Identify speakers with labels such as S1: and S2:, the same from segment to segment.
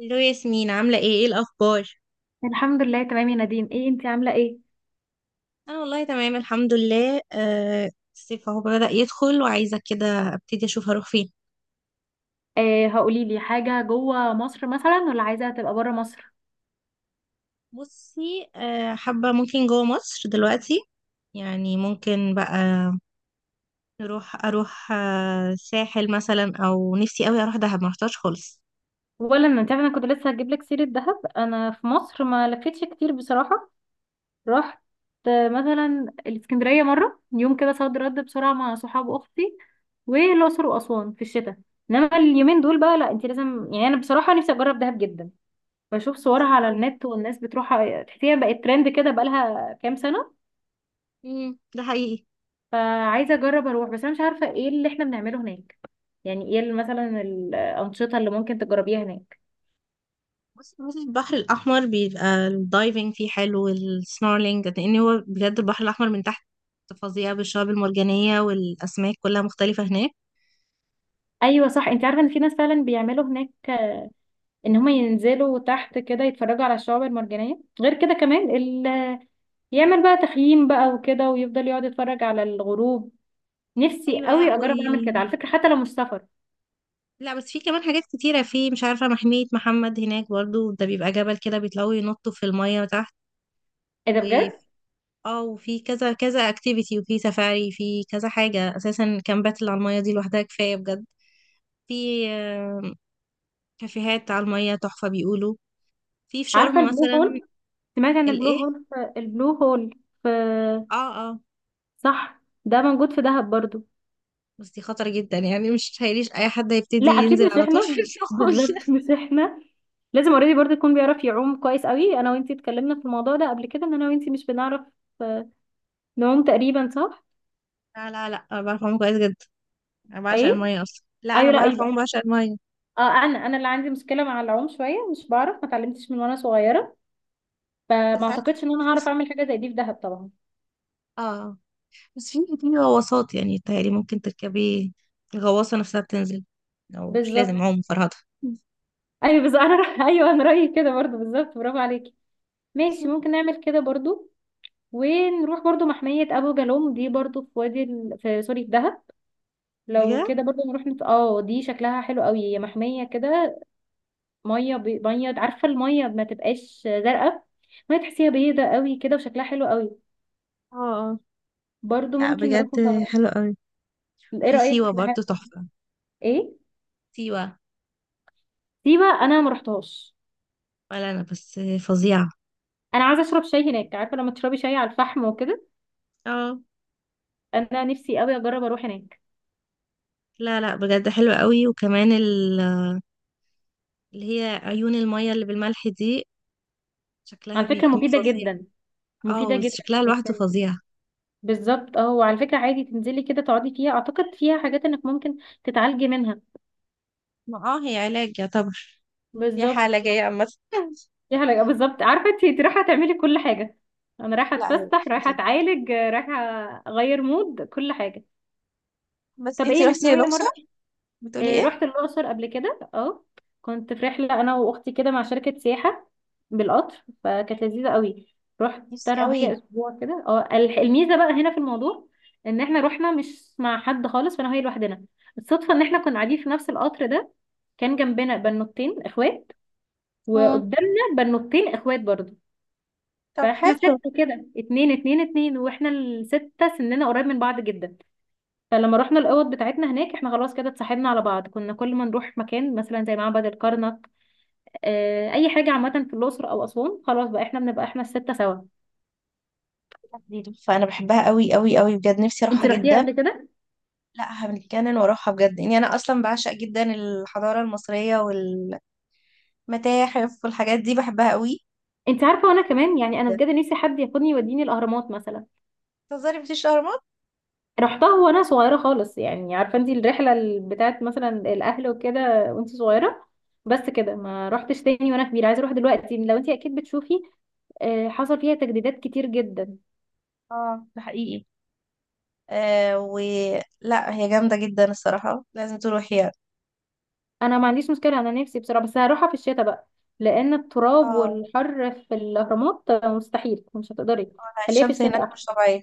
S1: الو ياسمين، عاملة ايه؟ ايه الأخبار؟
S2: الحمد لله، تمام يا نادين. ايه، انتي عامله ايه؟
S1: أنا والله تمام الحمد لله. الصيف اهو بدأ يدخل وعايزة كده أبتدي أشوف هروح فين.
S2: آه، هقولي لي حاجه، جوه مصر مثلا ولا عايزه تبقى بره مصر؟
S1: بصي، حابة ممكن جوه مصر دلوقتي. يعني ممكن بقى أروح ساحل مثلا، أو نفسي أوي أروح دهب، ما رحتهاش خالص.
S2: ولا، ما انت عارفه انا كنت لسه هجيب لك سيره دهب. انا في مصر ما لفتش كتير بصراحه. رحت مثلا الاسكندريه مره يوم كده، صد رد بسرعه، مع صحاب اختي. والاقصر واسوان في الشتاء. انما اليومين دول بقى، لا انت لازم، يعني انا بصراحه نفسي اجرب دهب جدا. بشوف صورها
S1: نفسي
S2: على
S1: أوي.
S2: النت والناس بتروحها، تحسيها بقت ترند كده بقالها كام سنه.
S1: ده حقيقي.
S2: فعايزه اجرب اروح، بس انا مش عارفه ايه اللي احنا بنعمله هناك. يعني ايه مثلا الانشطه اللي ممكن تجربيها هناك؟
S1: بصي، البحر الأحمر بيبقى الدايفنج فيه حلو والسنورلينج، لأن هو بجد البحر الأحمر من تحت فظيع، بالشعاب المرجانية والأسماك كلها مختلفة هناك.
S2: ايوه صح، انت عارفه ان في ناس فعلا بيعملوا هناك، ان هم ينزلوا تحت كده يتفرجوا على الشعاب المرجانيه، غير كده كمان يعمل بقى تخييم بقى وكده، ويفضل يقعد يتفرج على الغروب. نفسي
S1: أيوة. لا
S2: قوي اجرب اعمل كده على فكره، حتى لو مش سفر.
S1: لا بس في كمان حاجات كتيرة، في مش عارفة محمية محمد هناك برضو، ده بيبقى جبل كده بيطلعوا ينطوا في المية تحت.
S2: ايه ده،
S1: و
S2: بجد؟
S1: اه وفي كذا كذا اكتيفيتي، وفي سفاري، في كذا حاجة، أساسا كامبات اللي على المية دي لوحدها كفاية بجد. في كافيهات على المية تحفة بيقولوا، في
S2: عارفه
S1: شرم
S2: البلو
S1: مثلا.
S2: هول؟ سمعت عن البلو
S1: الإيه؟
S2: هول البلو هول في؟
S1: اه، اه.
S2: صح، ده موجود في دهب برضو.
S1: بس دي خطر جدا، يعني مش تخيليش اي حد هيبتدي
S2: لا اكيد
S1: ينزل
S2: مش
S1: على طول في
S2: احنا.
S1: الشغل
S2: بالظبط مش احنا. لازم اوريدي برضه يكون بيعرف يعوم كويس قوي، انا وانتي اتكلمنا في الموضوع ده قبل كده، ان انا وانتي مش بنعرف آه، نعوم تقريبا، صح؟
S1: لا لا لا، انا بعرف اعوم كويس جدا، انا بعشق
S2: ايه،
S1: الميه اصلا. لا انا
S2: ايوه، لا
S1: بعرف اعوم،
S2: ايوه.
S1: بعشق الميه.
S2: اه، انا اللي عندي مشكله مع العوم شويه، مش بعرف، ما اتعلمتش من وانا صغيره. فما
S1: بس عايز
S2: اعتقدش ان انا هعرف
S1: فرصه.
S2: اعمل حاجه زي دي في دهب طبعا.
S1: اه، بس في غواصات، يعني تهيألي ممكن تركبي، الغواصه نفسها بتنزل، او مش لازم
S2: بالظبط.
S1: عوم فرهضه.
S2: ايوه بس انا ايوه انا رايي كده برضه بالظبط، برافو عليكي. ماشي، ممكن نعمل كده برضه. ونروح برضه محميه ابو جالوم دي، برضه في وادي في سوري، في دهب. لو
S1: بجد.
S2: كده برضه نروح نت... اه دي شكلها حلو قوي، هي محمية كده. مية مية، عارفة المية ما تبقاش زرقاء؟ مية تحسيها بيضة قوي كده وشكلها حلو قوي.
S1: اه. آه.
S2: برضه
S1: لا
S2: ممكن
S1: بجد
S2: نروح نصور.
S1: حلو قوي.
S2: ايه
S1: وفي
S2: رأيك
S1: سيوه
S2: في
S1: برضو تحفه.
S2: ايه،
S1: سيوه.
S2: سيبة انا ما رحتهاش.
S1: ولا انا بس، فظيعه.
S2: انا عايزة اشرب شاي هناك، عارفة لما تشربي شاي على الفحم وكده؟
S1: اه.
S2: انا نفسي قوي اجرب اروح هناك.
S1: لا لا، بجد حلوة قوي، وكمان اللي هي عيون المية اللي بالملح دي، شكلها
S2: على فكرة
S1: بيكون
S2: مفيدة
S1: فظيع.
S2: جدا، مفيدة
S1: اه،
S2: جدا.
S1: شكلها
S2: انك
S1: لوحده
S2: تن-
S1: فظيع.
S2: بالظبط، اه، وعلى فكرة عادي تنزلي كده تقعدي فيها، اعتقد فيها حاجات انك ممكن تتعالجي منها.
S1: ما هي علاج يعتبر، هي
S2: بالظبط
S1: حالة جاية عامة
S2: دي حاجة، بالظبط. عارفة انتي رايحة تعملي كل حاجة؟ انا رايحة
S1: لا هي
S2: اتفسح،
S1: مش
S2: رايحة
S1: نزل.
S2: اتعالج، رايحة اغير مود كل حاجة.
S1: بس
S2: طب
S1: انتي
S2: ايه، مش
S1: رحتي
S2: ناوية مرة؟
S1: الأقصر، بتقولي
S2: إيه،
S1: ايه؟
S2: رحت الأقصر قبل كده، اه. كنت في رحلة انا واختي كده مع شركة سياحة، بالقطر، فكانت لذيذة قوي. رحت
S1: نفسي
S2: انا وهي
S1: قوي.
S2: اسبوع كده، اه الميزة بقى هنا في الموضوع، ان احنا رحنا مش مع حد خالص، فانا وهي لوحدنا. الصدفة ان احنا كنا قاعدين في نفس القطر ده، كان جنبنا بنوتين اخوات،
S1: مم.
S2: وقدامنا بنوتين اخوات برضو.
S1: طب
S2: فاحنا
S1: حلو.
S2: ستة كده، اتنين اتنين اتنين، واحنا الستة سننا قريب من بعض جدا. فلما رحنا الأوض بتاعتنا هناك، احنا خلاص كده اتصاحبنا على بعض، كنا كل ما نروح مكان مثلا زي معبد الكرنك، اه أي حاجة عامة في الأقصر أو أسوان، خلاص بقى احنا بنبقى احنا الستة سوا.
S1: دي تحفة، أنا بحبها قوي قوي قوي بجد، نفسي
S2: انت
S1: أروحها
S2: رحتيها
S1: جدا.
S2: قبل كده؟
S1: لا هنتجنن وأروحها بجد يعني، أنا أصلا بعشق جدا الحضارة المصرية والمتاحف والحاجات دي، بحبها قوي
S2: انت عارفة وانا كمان، يعني انا
S1: جدا.
S2: بجد نفسي حد ياخدني يوديني الأهرامات مثلا.
S1: تهزري مفيش أهرامات؟
S2: رحتها وانا صغيره خالص، يعني عارفه انت الرحله بتاعت مثلا الاهل وكده، وانت صغيره. بس كده، ما رحتش تاني وانا كبيره، عايزه اروح دلوقتي، لو انت اكيد بتشوفي حصل فيها تجديدات كتير جدا.
S1: اه، ده حقيقي. آه و لا، هي جامدة جدا الصراحة، لازم تروحي يعني.
S2: انا ما عنديش مشكله، انا نفسي بصراحه، بس هروحها في الشتاء بقى. لان التراب
S1: اه.
S2: والحر في الاهرامات مستحيل، مش هتقدري. خليها في
S1: الشمس هناك
S2: الشتاء
S1: مش
S2: احسن.
S1: طبيعية.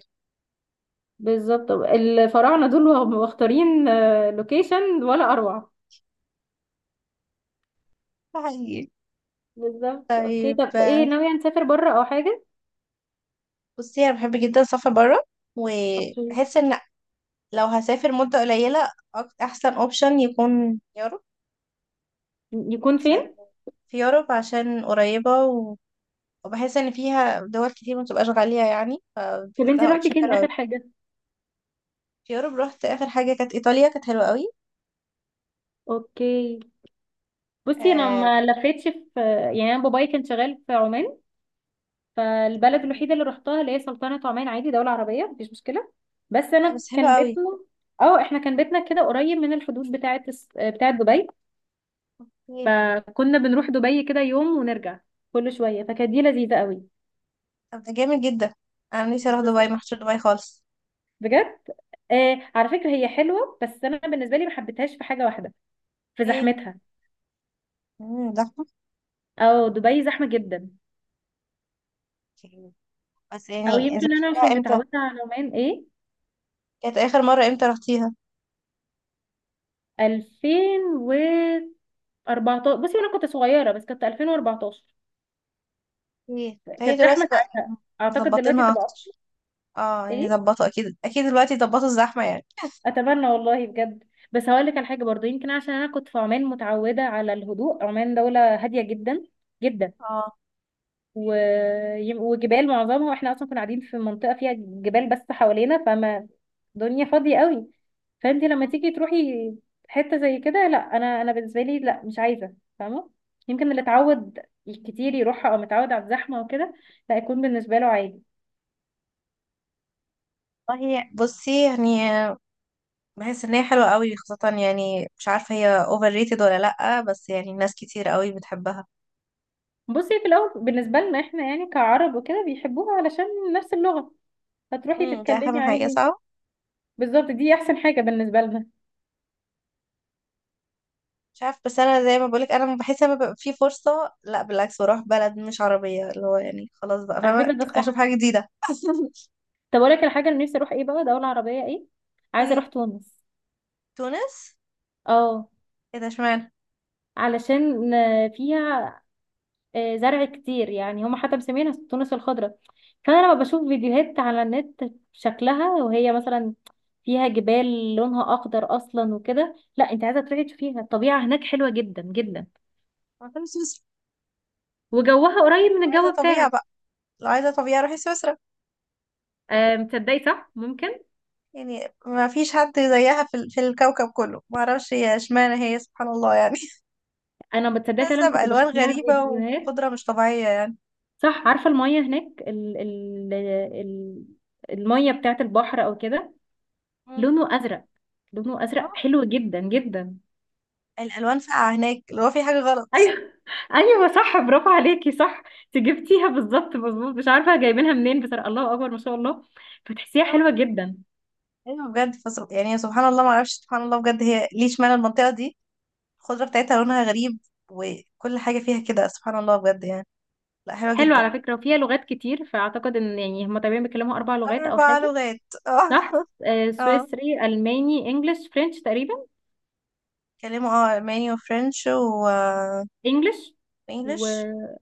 S2: بالظبط، الفراعنه دول وهم مختارين لوكيشن ولا اروع.
S1: ده حقيقي.
S2: بالظبط. اوكي،
S1: طيب.
S2: طب ايه، ناويه نسافر بره او حاجه؟
S1: بصي أنا بحب جدا السفر برا،
S2: اوكي،
S1: وبحس إن لو هسافر مدة قليلة، أحسن أوبشن يكون يوروب.
S2: يكون
S1: عشان،
S2: فين؟
S1: في يوروب، عشان قريبة وبحس إن فيها دول كتير متبقاش غالية يعني،
S2: طب انت
S1: فبحسها
S2: رحتي
S1: أوبشن حلو
S2: فين اخر
S1: أوي.
S2: حاجه؟
S1: في يوروب رحت آخر حاجة كانت إيطاليا، كانت حلوة أوي.
S2: اوكي، بصي انا
S1: آه...
S2: ما لفيتش في، يعني انا بابايا كان شغال في عمان. فالبلد الوحيده اللي رحتها اللي هي سلطنه عمان، عادي دوله عربيه، مفيش مشكله. بس
S1: لا
S2: انا
S1: بس حلوة
S2: كان
S1: أوي.
S2: بيتنا، اه احنا كان بيتنا كده قريب من الحدود بتاعه بتاعه دبي.
S1: ايه؟
S2: فكنا بنروح دبي كده يوم ونرجع كل شويه، فكانت دي لذيذه قوي.
S1: طب ده جامد جدا، أنا نفسي أروح دبي، محشور دبي خالص.
S2: بجد. آه على فكره، هي حلوه بس انا بالنسبه لي ما حبيتهاش في حاجه واحده، في
S1: ايه.
S2: زحمتها.
S1: امم
S2: او دبي زحمه جدا.
S1: زحمة. بس
S2: او
S1: يعني انت
S2: يمكن انا
S1: بتشتريها
S2: عشان
S1: امتى؟
S2: متعوده على عمان، ايه.
S1: كانت اخر مرة امتى رحتيها؟
S2: 2014. بصي انا كنت صغيره، بس كانت 2014.
S1: ايه، فهي
S2: كانت
S1: دلوقتي
S2: زحمه
S1: بقى
S2: ساعتها، اعتقد دلوقتي
S1: مظبطينها
S2: تبقى
S1: اكتر.
S2: أكتر.
S1: اه يعني
S2: ايه،
S1: ظبطوا، اكيد اكيد دلوقتي ظبطوا الزحمة يعني
S2: اتمنى والله بجد. بس هقول لك على حاجه برضو، يمكن عشان انا كنت في عمان متعوده على الهدوء، عمان دوله هاديه جدا جدا.
S1: اه
S2: و... وجبال معظمها، واحنا اصلا كنا قاعدين في منطقه فيها جبال بس حوالينا، فما الدنيا فاضيه قوي. فانت لما تيجي تروحي حته زي كده، لا انا بالنسبه لي لا، مش عايزه، فاهمه؟ يمكن اللي اتعود كتير يروحها او متعود على الزحمه وكده، لا يكون بالنسبه له عادي.
S1: والله بصي يعني، بحس ان هي حلوة قوي خاصة، يعني مش عارفة هي اوفر ريتد ولا لأ، بس يعني ناس كتير قوي بتحبها.
S2: بصي، في الاول بالنسبه لنا احنا يعني كعرب وكده بيحبوها علشان نفس اللغه. فتروحي
S1: دي
S2: تتكلمي
S1: اهم حاجة
S2: عادي.
S1: صح.
S2: بالظبط، دي احسن حاجه بالنسبه لنا.
S1: مش عارف، بس انا زي ما بقولك انا بحس لما بيبقى في فرصة، لا بالعكس، بروح بلد مش عربية، اللي هو يعني خلاص بقى
S2: على
S1: فاهمة
S2: فكره ده
S1: اشوف
S2: الصح.
S1: حاجة جديدة.
S2: طب اقول لك الحاجه اللي نفسي اروح ايه بقى، دوله عربيه، ايه؟ عايزه
S1: مم.
S2: اروح تونس.
S1: تونس.
S2: اه،
S1: ايه ده، اشمعنى؟
S2: علشان فيها زرع كتير، يعني هم حتى مسمينها التونس الخضراء. فانا لما بشوف فيديوهات على النت، شكلها وهي مثلا فيها جبال لونها اخضر اصلا وكده، لا انت عايزه تروحي تشوفيها، الطبيعه هناك حلوه جدا جدا.
S1: ما كانوا سويسرا.
S2: وجوها قريب من
S1: لو عايزة
S2: الجو
S1: طبيعة
S2: بتاعك.
S1: بقى لو عايزة طبيعة، روحي سويسرا.
S2: آه، متصدقي صح، ممكن.
S1: يعني ما فيش حد زيها في الكوكب كله، ما اعرفش هي اشمعنى هي، سبحان الله يعني.
S2: انا متصدقه
S1: نازلة
S2: فعلا، كنت
S1: بألوان
S2: بشوف لها
S1: غريبة،
S2: فيديوهات.
S1: وقدرة مش طبيعية يعني.
S2: صح، عارفه الميه هناك ال ال ال الميه بتاعت البحر او كده؟
S1: مم.
S2: لونه ازرق، لونه ازرق
S1: اه،
S2: حلو جدا جدا.
S1: الألوان فاقعة هناك، اللي هو في حاجة غلط.
S2: ايوه، ايوه صح، برافو عليكي. صح انت جبتيها بالظبط، مظبوط، مش عارفه جايبينها منين، بس الله اكبر ما شاء الله. فتحسيها
S1: اه،
S2: حلوه جدا.
S1: ايوه بجد، فصل يعني، سبحان الله، ما اعرفش، سبحان الله بجد، هي ليه اشمعنى المنطقة دي؟ الخضرة بتاعتها لونها غريب، وكل حاجة فيها كده سبحان الله بجد يعني، لا حلوة
S2: حلوه
S1: جدا.
S2: على فكره، وفيها لغات كتير، فاعتقد ان يعني هم تقريبا بيتكلموا اربع لغات او
S1: أربع
S2: حاجه.
S1: لغات. اه،
S2: صح. آه،
S1: اه،
S2: سويسري، الماني، انجلش، فرنش تقريبا.
S1: بيتكلموا ألماني وفرنش و
S2: انجلش.
S1: انجلش.
S2: ومفيش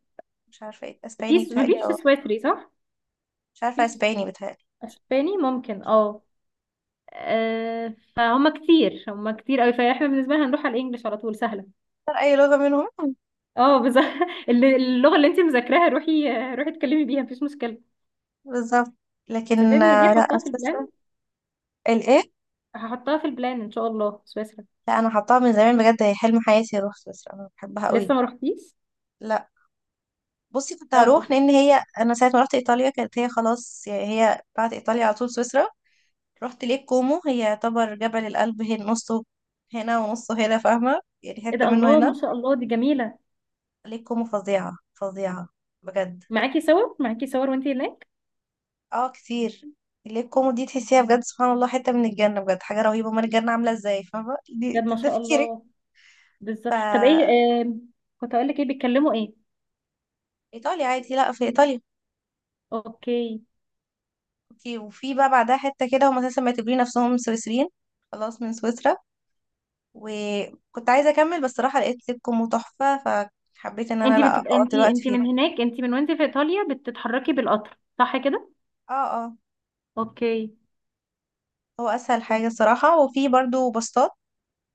S1: مش عارفه ايه اسباني بتهيألي
S2: مفيش
S1: او
S2: سويسري، صح؟
S1: مش عارفه
S2: مفيش.
S1: اسباني بتهيألي.
S2: اسباني ممكن،
S1: مش
S2: اه. آه، فهم كتير، هم كتير قوي، فاحنا بالنسبه لنا هنروح على الانجليش على طول، سهله.
S1: فاكرة اي لغه منهم
S2: اه بس اللغه اللي انت مذاكراها، روحي، روحي اتكلمي بيها، مفيش مشكله.
S1: بالظبط. لكن
S2: صدقني إن دي
S1: لا
S2: هحطها في
S1: سويسرا.
S2: البلان.
S1: الايه؟
S2: هحطها في البلان، ان شاء الله سويسرا.
S1: لا انا حطاها من زمان بجد، هي حلم حياتي اروح سويسرا، انا بحبها قوي.
S2: لسه ما رحتيش.
S1: لا، بصي كنت
S2: طب
S1: هروح، لان هي انا ساعه ما رحت ايطاليا كانت هي خلاص، يعني هي بعد ايطاليا على طول سويسرا. رحت ليك كومو، هي يعتبر جبل الألب هي نصه هنا ونصه هنا، فاهمه يعني،
S2: ايه
S1: حته
S2: ده،
S1: منه
S2: الله
S1: هنا.
S2: ما شاء الله، دي جميله.
S1: ليك كومو فظيعه فظيعه بجد.
S2: معاكي صور، معاكي صور وانت هناك؟
S1: اه، كتير. اللي هي الكوميدي دي تحسيها بجد سبحان الله حتة من الجنة، بجد حاجة رهيبة، امال الجنة عاملة ازاي، فاهمة؟
S2: بجد ما
S1: ده
S2: شاء
S1: تفكيرك.
S2: الله.
S1: ف
S2: بالظبط. طب ايه كنت اقول لك ايه بيتكلموا ايه؟
S1: ايطاليا عادي، لا، في ايطاليا
S2: اوكي.
S1: اوكي، وفي بقى بعدها حتة كده هم اساسا معتبرين نفسهم سويسريين، خلاص من سويسرا. وكنت عايزة اكمل، بس صراحة لقيت لكم تحفة، فحبيت ان انا
S2: انت
S1: لا
S2: بتبقى
S1: اقعد
S2: انت
S1: الوقت
S2: انت
S1: فيها.
S2: من هناك، انت من وانت في ايطاليا بتتحركي بالقطر صح كده؟
S1: اه، اه.
S2: اوكي،
S1: هو اسهل حاجة الصراحة، وفي برضو باصات.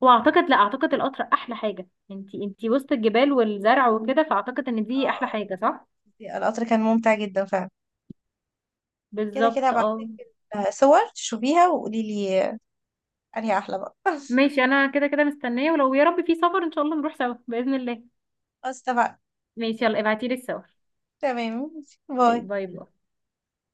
S2: واعتقد، لا اعتقد القطر احلى حاجه، انتي وسط الجبال والزرع وكده، فاعتقد ان دي احلى
S1: اه،
S2: حاجه، صح؟
S1: القطر كان ممتع جدا فعلا. كده كده
S2: بالظبط اه.
S1: هبعتلك صور تشوفيها وقولي لي انهي احلى بقى
S2: ماشي انا كده كده مستنيه، ولو يا رب في سفر ان شاء الله نروح سوا باذن الله.
S1: خلاص اتفقنا.
S2: ماشي، يلا ابعتيلي الصور.
S1: تمام.
S2: اوكي،
S1: باي.
S2: باي باي.